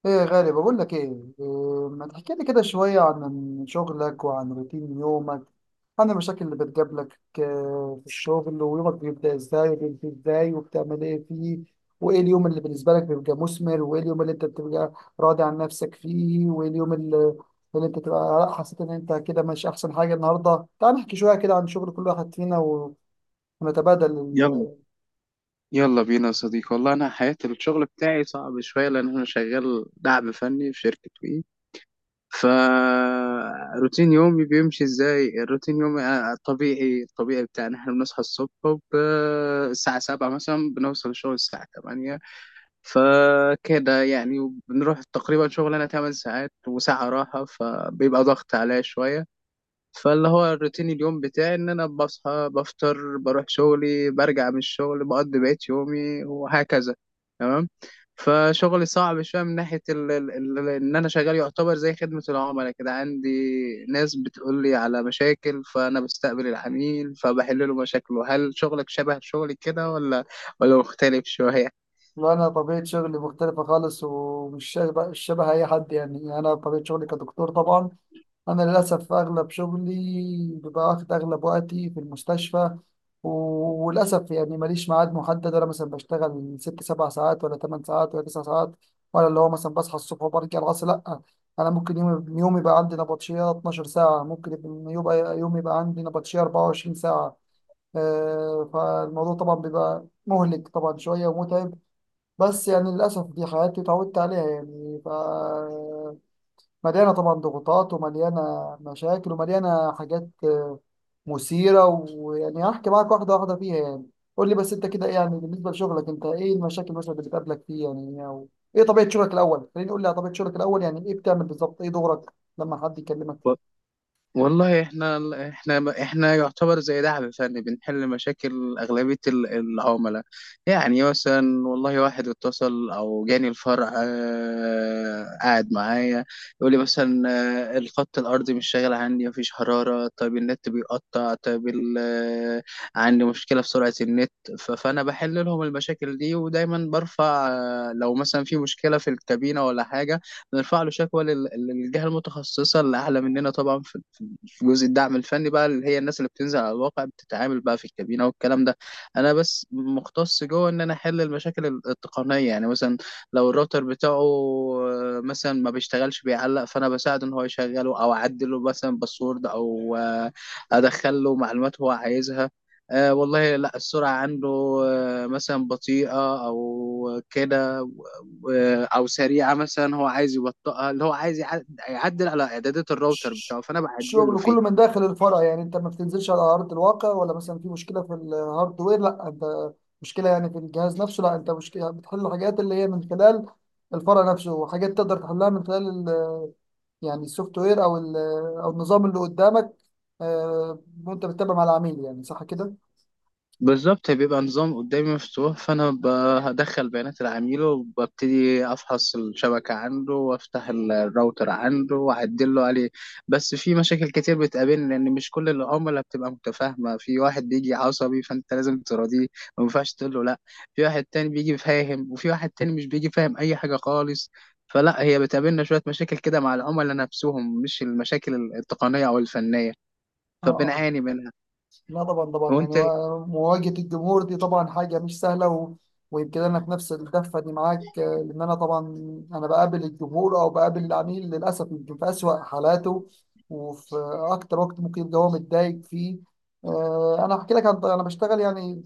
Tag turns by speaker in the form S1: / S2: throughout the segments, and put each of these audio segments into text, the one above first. S1: ايه يا غالي، بقول لك ايه. إيه، ما تحكي لي كده شوية عن شغلك وعن روتين يومك، عن المشاكل اللي بتقابلك في الشغل، ويومك بيبدأ ازاي وبينتهي ازاي وبتعمل ايه فيه، وايه اليوم اللي بالنسبة لك بيبقى مثمر، وايه اليوم اللي انت بتبقى راضي عن نفسك فيه، وايه اليوم اللي انت تبقى لأ، حسيت ان انت كده مش احسن حاجة. النهاردة تعال نحكي شوية كده عن شغل كل واحد فينا و- ونتبادل.
S2: يلا يلا بينا يا صديقي، والله انا حياة الشغل بتاعي صعب شوية لان انا شغال دعم فني في شركة وي. ف، روتين يومي بيمشي ازاي؟ الروتين يومي الطبيعي الطبيعي بتاعنا، احنا بنصحى الصبح الساعة 7 مثلا، بنوصل الشغل الساعة 8، فكده يعني. بنروح تقريبا شغل انا 8 ساعات وساعة راحة، فبيبقى ضغط عليا شوية. فاللي هو الروتين اليوم بتاعي ان انا بصحى بفطر بروح شغلي برجع من الشغل بقضي بقية يومي وهكذا. تمام. فشغلي صعب شوية من ناحية ان انا شغال يعتبر زي خدمة العملاء كده. عندي ناس بتقول لي على مشاكل، فانا بستقبل العميل فبحل له مشاكله. هل شغلك شبه شغلي كده ولا مختلف شوية؟
S1: لا، أنا طبيعة شغلي مختلفة خالص، ومش شبه, مش شبه أي حد. يعني أنا طبيعة شغلي كدكتور، طبعا أنا للأسف أغلب شغلي بيبقى واخد أغلب وقتي في المستشفى، و- وللأسف يعني ماليش ميعاد محدد، ولا مثلا بشتغل 6 7 ساعات، ولا 8 ساعات، ولا 9 ساعات، ولا اللي هو مثلا بصحى الصبح وبرجع العصر، لأ. أنا ممكن يوم يوم يبقى عندي نبطشية 12 ساعة، ممكن يوم يبقى عندي نبطشية 24 ساعة. فالموضوع طبعا بيبقى مهلك طبعا شوية ومتعب، بس يعني للأسف دي حياتي، اتعودت عليها يعني. ف مليانة طبعا ضغوطات، ومليانة مشاكل، ومليانة حاجات مثيرة. ويعني هحكي معاك واحدة واحدة فيها يعني. قول لي بس أنت كده إيه يعني، بالنسبة لشغلك أنت إيه المشاكل مثلا اللي بتقابلك فيه، يعني، أو إيه طبيعة شغلك الأول؟ خليني قول لي على طبيعة شغلك الأول، يعني إيه بتعمل بالظبط، إيه دورك لما حد يكلمك.
S2: والله، احنا يعتبر زي دعم فني، بنحل مشاكل اغلبيه العملاء. يعني مثلا، والله واحد اتصل او جاني الفرع، قاعد معايا يقول لي مثلا الخط الارضي مش شغال عندي، مفيش حراره، طيب النت بيقطع، طيب عندي مشكله في سرعه النت. فانا بحل لهم المشاكل دي، ودايما برفع، لو مثلا في مشكله في الكابينه ولا حاجه نرفع له شكوى للجهة المتخصصة اللي أعلى مننا طبعا، في جزء الدعم الفني بقى، اللي هي الناس اللي بتنزل على الواقع بتتعامل بقى في الكابينة والكلام ده. انا بس مختص جوه ان انا احل المشاكل التقنية، يعني مثلا لو الراوتر بتاعه مثلا ما بيشتغلش بيعلق، فانا بساعده ان هو يشغله، او اعدله مثلا باسورد، او ادخل له معلومات هو عايزها. والله لا، السرعة عنده مثلا بطيئة او كده، او سريعه مثلا هو عايز يبطئها، اللي هو عايز يعدل على اعدادات الراوتر
S1: ش-
S2: بتاعه فانا بعدل له
S1: شغل
S2: فيه.
S1: كله من داخل الفرع؟ يعني انت ما بتنزلش على ارض الواقع، ولا مثلا في مشكله في الهاردوير، لا انت مشكله يعني في الجهاز نفسه، لا انت مشكله بتحل حاجات اللي هي من خلال الفرع نفسه، وحاجات تقدر تحلها من خلال يعني السوفت وير، او او النظام اللي قدامك. آه، وانت بتتابع مع العميل، يعني صح كده؟
S2: بالظبط، بيبقى نظام قدامي مفتوح، فأنا هدخل بيانات العميل وببتدي أفحص الشبكة عنده، وأفتح الراوتر عنده وأعدل له عليه. بس في مشاكل كتير بتقابلني لأن مش كل العملاء بتبقى متفاهمة. في واحد بيجي عصبي فأنت لازم تراضيه، ما ينفعش تقول له لأ. في واحد تاني بيجي فاهم وفي واحد تاني مش بيجي فاهم أي حاجة خالص. فلا، هي بتقابلنا شوية مشاكل كده مع العملاء نفسهم، مش المشاكل التقنية أو الفنية،
S1: اه،
S2: فبنعاني منها.
S1: لا طبعا طبعا يعني،
S2: وأنت
S1: و مواجهة الجمهور دي طبعا حاجة مش سهلة. و... ويمكن أنا في نفس الدفة دي معاك لأن أنا طبعا أنا بقابل الجمهور أو بقابل العميل للأسف يمكن في أسوأ حالاته، وفي أكتر وقت ممكن يبقى هو متضايق فيه. أنا هحكي لك عن أنا بشتغل يعني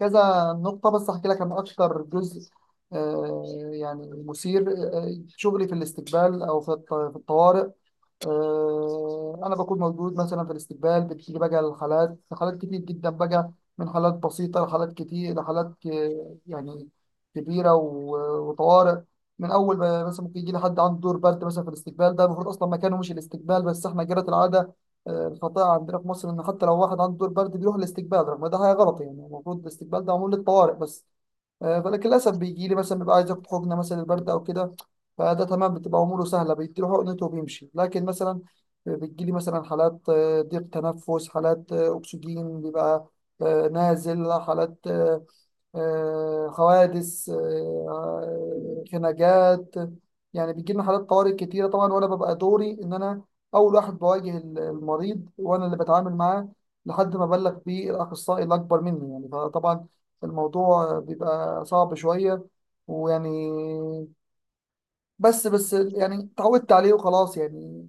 S1: كذا نقطة، بس هحكي لك عن أكتر جزء آه، يعني مثير. شغلي في الاستقبال، أو في في الطوارئ. انا بكون موجود مثلا في الاستقبال، بتيجي بقى الحالات، حالات كتير جدا بقى، من حالات بسيطه لحالات كتير يعني كبيره وطوارئ. من اول ما- مثلا ممكن يجي لي حد عنده دور برد، مثلا في الاستقبال، ده المفروض اصلا مكانه مش الاستقبال، بس احنا جرت العاده الخطيئه عندنا في مصر ان حتى لو واحد عنده دور برد بيروح الاستقبال، رغم ده حاجه غلط. يعني المفروض الاستقبال ده معمول للطوارئ بس. فلكن للاسف بيجي لي مثلا بيبقى عايز ياخد حقنه مثلا البرد او كده، فده تمام، بتبقى اموره سهله، بيديله حقنته وبيمشي. لكن مثلا بتجي لي مثلا حالات ضيق تنفس، حالات اكسجين بيبقى نازل، حالات حوادث، خناقات. يعني بيجي لنا حالات طوارئ كتيرة طبعا، وأنا ببقى دوري إن أنا أول واحد بواجه المريض، وأنا اللي بتعامل معاه لحد ما بلغ بيه الأخصائي الأكبر مني يعني. فطبعا الموضوع بيبقى صعب شوية، ويعني بس يعني اتعودت عليه وخلاص يعني،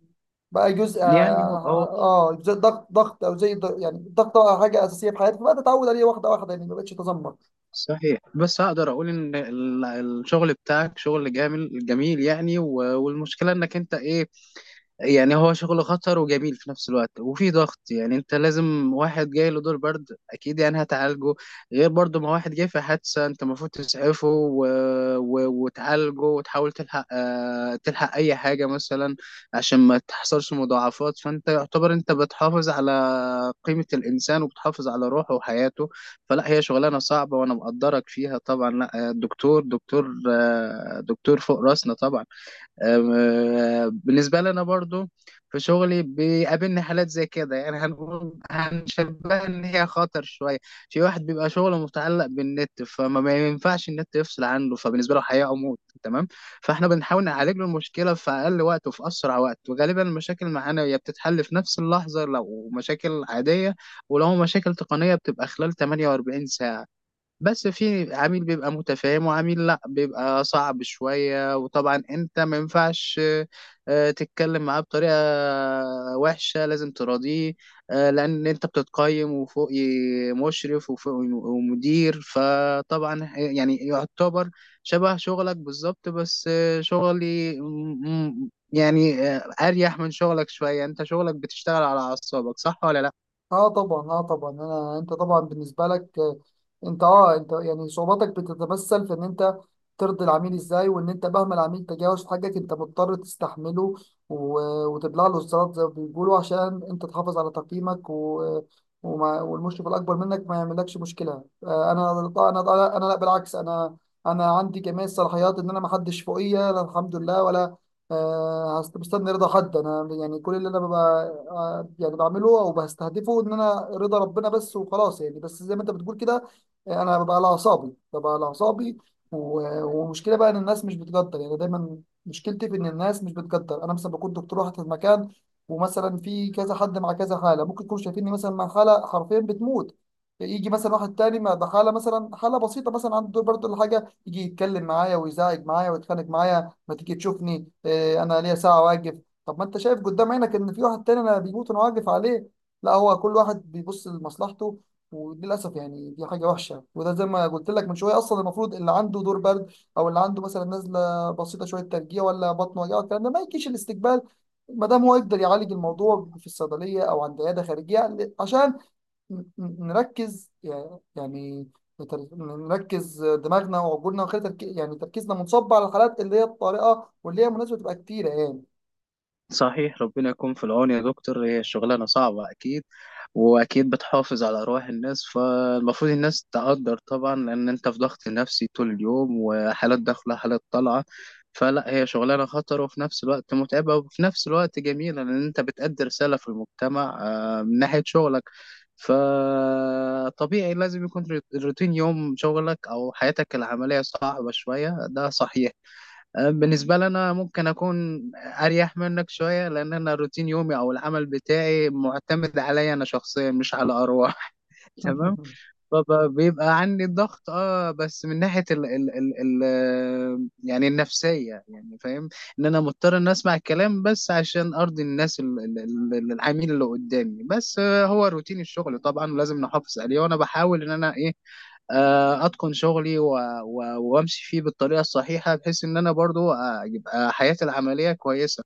S1: بقى جزء اه.
S2: يعني، هو
S1: زي ضغط ضغط، او زي يعني الضغط، طبعاً حاجه اساسيه في حياتي، فبقى اتعود عليه واحده واحده يعني، ما بقتش اتذمر.
S2: صحيح، بس هقدر اقول ان الشغل بتاعك شغل جميل جميل يعني، والمشكله انك انت ايه، يعني هو شغل خطر وجميل في نفس الوقت وفي ضغط، يعني انت لازم. واحد جاي له دور برد اكيد يعني هتعالجه، غير برضه ما واحد جاي في حادثة انت المفروض تسعفه، وتعالجه وتحاول تلحق، تلحق اي حاجة مثلا عشان ما تحصلش مضاعفات. فانت يعتبر انت بتحافظ على قيمة الانسان وبتحافظ على روحه وحياته. فلا، هي شغلانة صعبة وانا مقدرك فيها طبعا. لا الدكتور دكتور دكتور فوق راسنا طبعا بالنسبة لنا برضو. في شغلي بيقابلني حالات زي كده، يعني هنقول هنشبهها إن هي خطر شوية. في واحد بيبقى شغله متعلق بالنت، فما ما ينفعش النت يفصل عنه، فبالنسبة له حياة أو موت، تمام. فإحنا بنحاول نعالج له المشكلة في أقل وقت وفي أسرع وقت، وغالبا المشاكل معانا هي بتتحل في نفس اللحظة لو مشاكل عادية، ولو مشاكل تقنية بتبقى خلال 48 ساعة. بس في عميل بيبقى متفاهم وعميل لا بيبقى صعب شوية، وطبعا انت ما ينفعش تتكلم معاه بطريقة وحشة، لازم تراضيه. لأن انت بتتقيم، وفوق مشرف وفوق ومدير، فطبعا يعني يعتبر شبه شغلك بالظبط. بس شغلي يعني أريح من شغلك شوية، انت شغلك بتشتغل على أعصابك، صح ولا لا؟
S1: اه طبعا، اه طبعا. انا انت طبعا بالنسبه لك انت اه انت يعني صعوباتك بتتمثل في ان انت ترضي العميل ازاي، وان انت مهما العميل تجاوز حاجك انت مضطر تستحمله، و... وتبلع له الزلط زي ما بيقولوا، عشان انت تحافظ على تقييمك، و... والمشرف الاكبر منك ما يعملكش مشكله. آه، انا انا لا بالعكس، انا انا عندي جميع الصلاحيات، ان انا ما حدش فوقيا، لا الحمد لله، ولا مستني رضا حد، انا يعني كل اللي انا ببقى يعني بعمله او بستهدفه ان انا رضا ربنا بس وخلاص يعني. بس زي ما انت بتقول كده انا ببقى على اعصابي، ببقى على اعصابي، و- ومشكله بقى ان الناس مش بتقدر، يعني دايما مشكلتي في ان الناس مش بتقدر. انا مثلا بكون دكتور واحد في المكان، ومثلا في كذا حد مع كذا حاله، ممكن يكونوا شايفيني مثلا مع حاله حرفيا بتموت، يجي مثلا واحد تاني مع ده حاله مثلا، حاله بسيطه، مثلا عنده دور برضه ولا حاجه، يجي يتكلم معايا، ويزعج معايا، ويتخانق معايا، ما تيجي تشوفني انا ليا ساعه واقف. طب ما انت شايف قدام عينك ان في واحد تاني انا بيموت وانا واقف عليه. لا، هو كل واحد بيبص لمصلحته، وللاسف يعني دي حاجه وحشه. وده زي ما قلت لك من شويه، اصلا المفروض اللي عنده دور برد، او اللي عنده مثلا نزله بسيطه شويه، ترجيع، ولا بطن وجع، الكلام ده ما يجيش الاستقبال، ما دام هو يقدر يعالج الموضوع في الصيدليه او عند عياده خارجيه، عشان ن- نركز يع- يعني نركز دماغنا وعقولنا، وخلي يعني تركيزنا منصب على الحالات اللي هي الطارئة، واللي هي مناسبة تبقى كتيرة يعني.
S2: صحيح، ربنا يكون في العون يا دكتور، هي الشغلانة صعبة أكيد وأكيد بتحافظ على أرواح الناس، فالمفروض الناس تقدر طبعا لأن أنت في ضغط نفسي طول اليوم، وحالات داخلة حالات طالعة. فلا، هي شغلانة خطر وفي نفس الوقت متعبة وفي نفس الوقت جميلة لأن أنت بتأدي رسالة في المجتمع من ناحية شغلك. فطبيعي لازم يكون روتين يوم شغلك أو حياتك العملية صعبة شوية، ده صحيح. بالنسبة لي أنا ممكن أكون أريح منك شوية لأن أنا روتين يومي أو العمل بتاعي معتمد عليا أنا شخصيا مش على أرواح تمام. فبيبقى عندي ضغط بس من ناحية ال يعني النفسية، يعني فاهم إن أنا مضطر إن أسمع الكلام بس عشان أرضي الناس العميل اللي قدامي بس. هو روتين الشغل طبعا ولازم نحافظ عليه. وأنا بحاول إن أنا إيه، اتقن شغلي وامشي فيه بالطريقه الصحيحه بحيث ان انا برضو يبقى حياتي العمليه كويسه.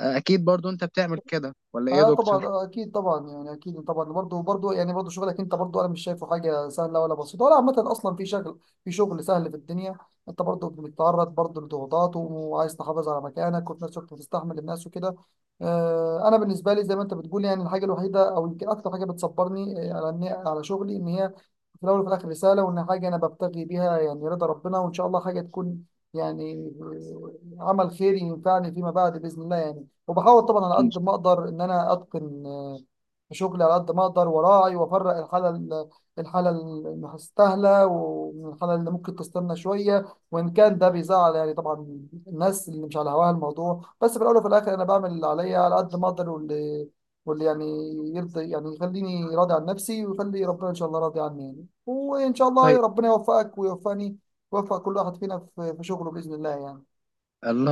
S2: اكيد برضو انت بتعمل كده ولا ايه يا
S1: اه طبعا،
S2: دكتور؟
S1: اكيد طبعا، يعني اكيد طبعا برضه، يعني برضه شغلك انت برضه، انا مش شايفه حاجه سهله ولا بسيطه ولا عامه، اصلا في شغل، في شغل سهل في الدنيا. انت برضه بتتعرض برضه لضغوطات، وعايز تحافظ على مكانك، وفي نفس الوقت بتستحمل الناس وكده. آه، انا بالنسبه لي زي ما انت بتقول يعني، الحاجه الوحيده او يمكن اكتر حاجه بتصبرني على على شغلي، ان هي في الاول وفي الاخر رساله، وان حاجه انا ببتغي بيها يعني رضا ربنا، وان شاء الله حاجه تكون يعني عمل خيري ينفعني فيما بعد باذن الله يعني. وبحاول طبعا على
S2: اكيد.
S1: قد ما اقدر ان انا اتقن شغلي على قد ما اقدر، وراعي وافرق الحاله الحاله المستاهله، ومن الحاله اللي ممكن تستنى شويه، وان كان ده بيزعل يعني طبعا الناس اللي مش على هواها الموضوع. بس في الاول وفي الاخر انا بعمل اللي عليا على قد ما اقدر، واللي يعني يرضي، يعني يخليني راضي عن نفسي، ويخلي ربنا ان شاء الله راضي عني يعني. وان شاء
S2: طيب.
S1: الله ربنا يوفقك ويوفقني، ويوفق كل واحد فينا في شغله باذن الله يعني.
S2: الله.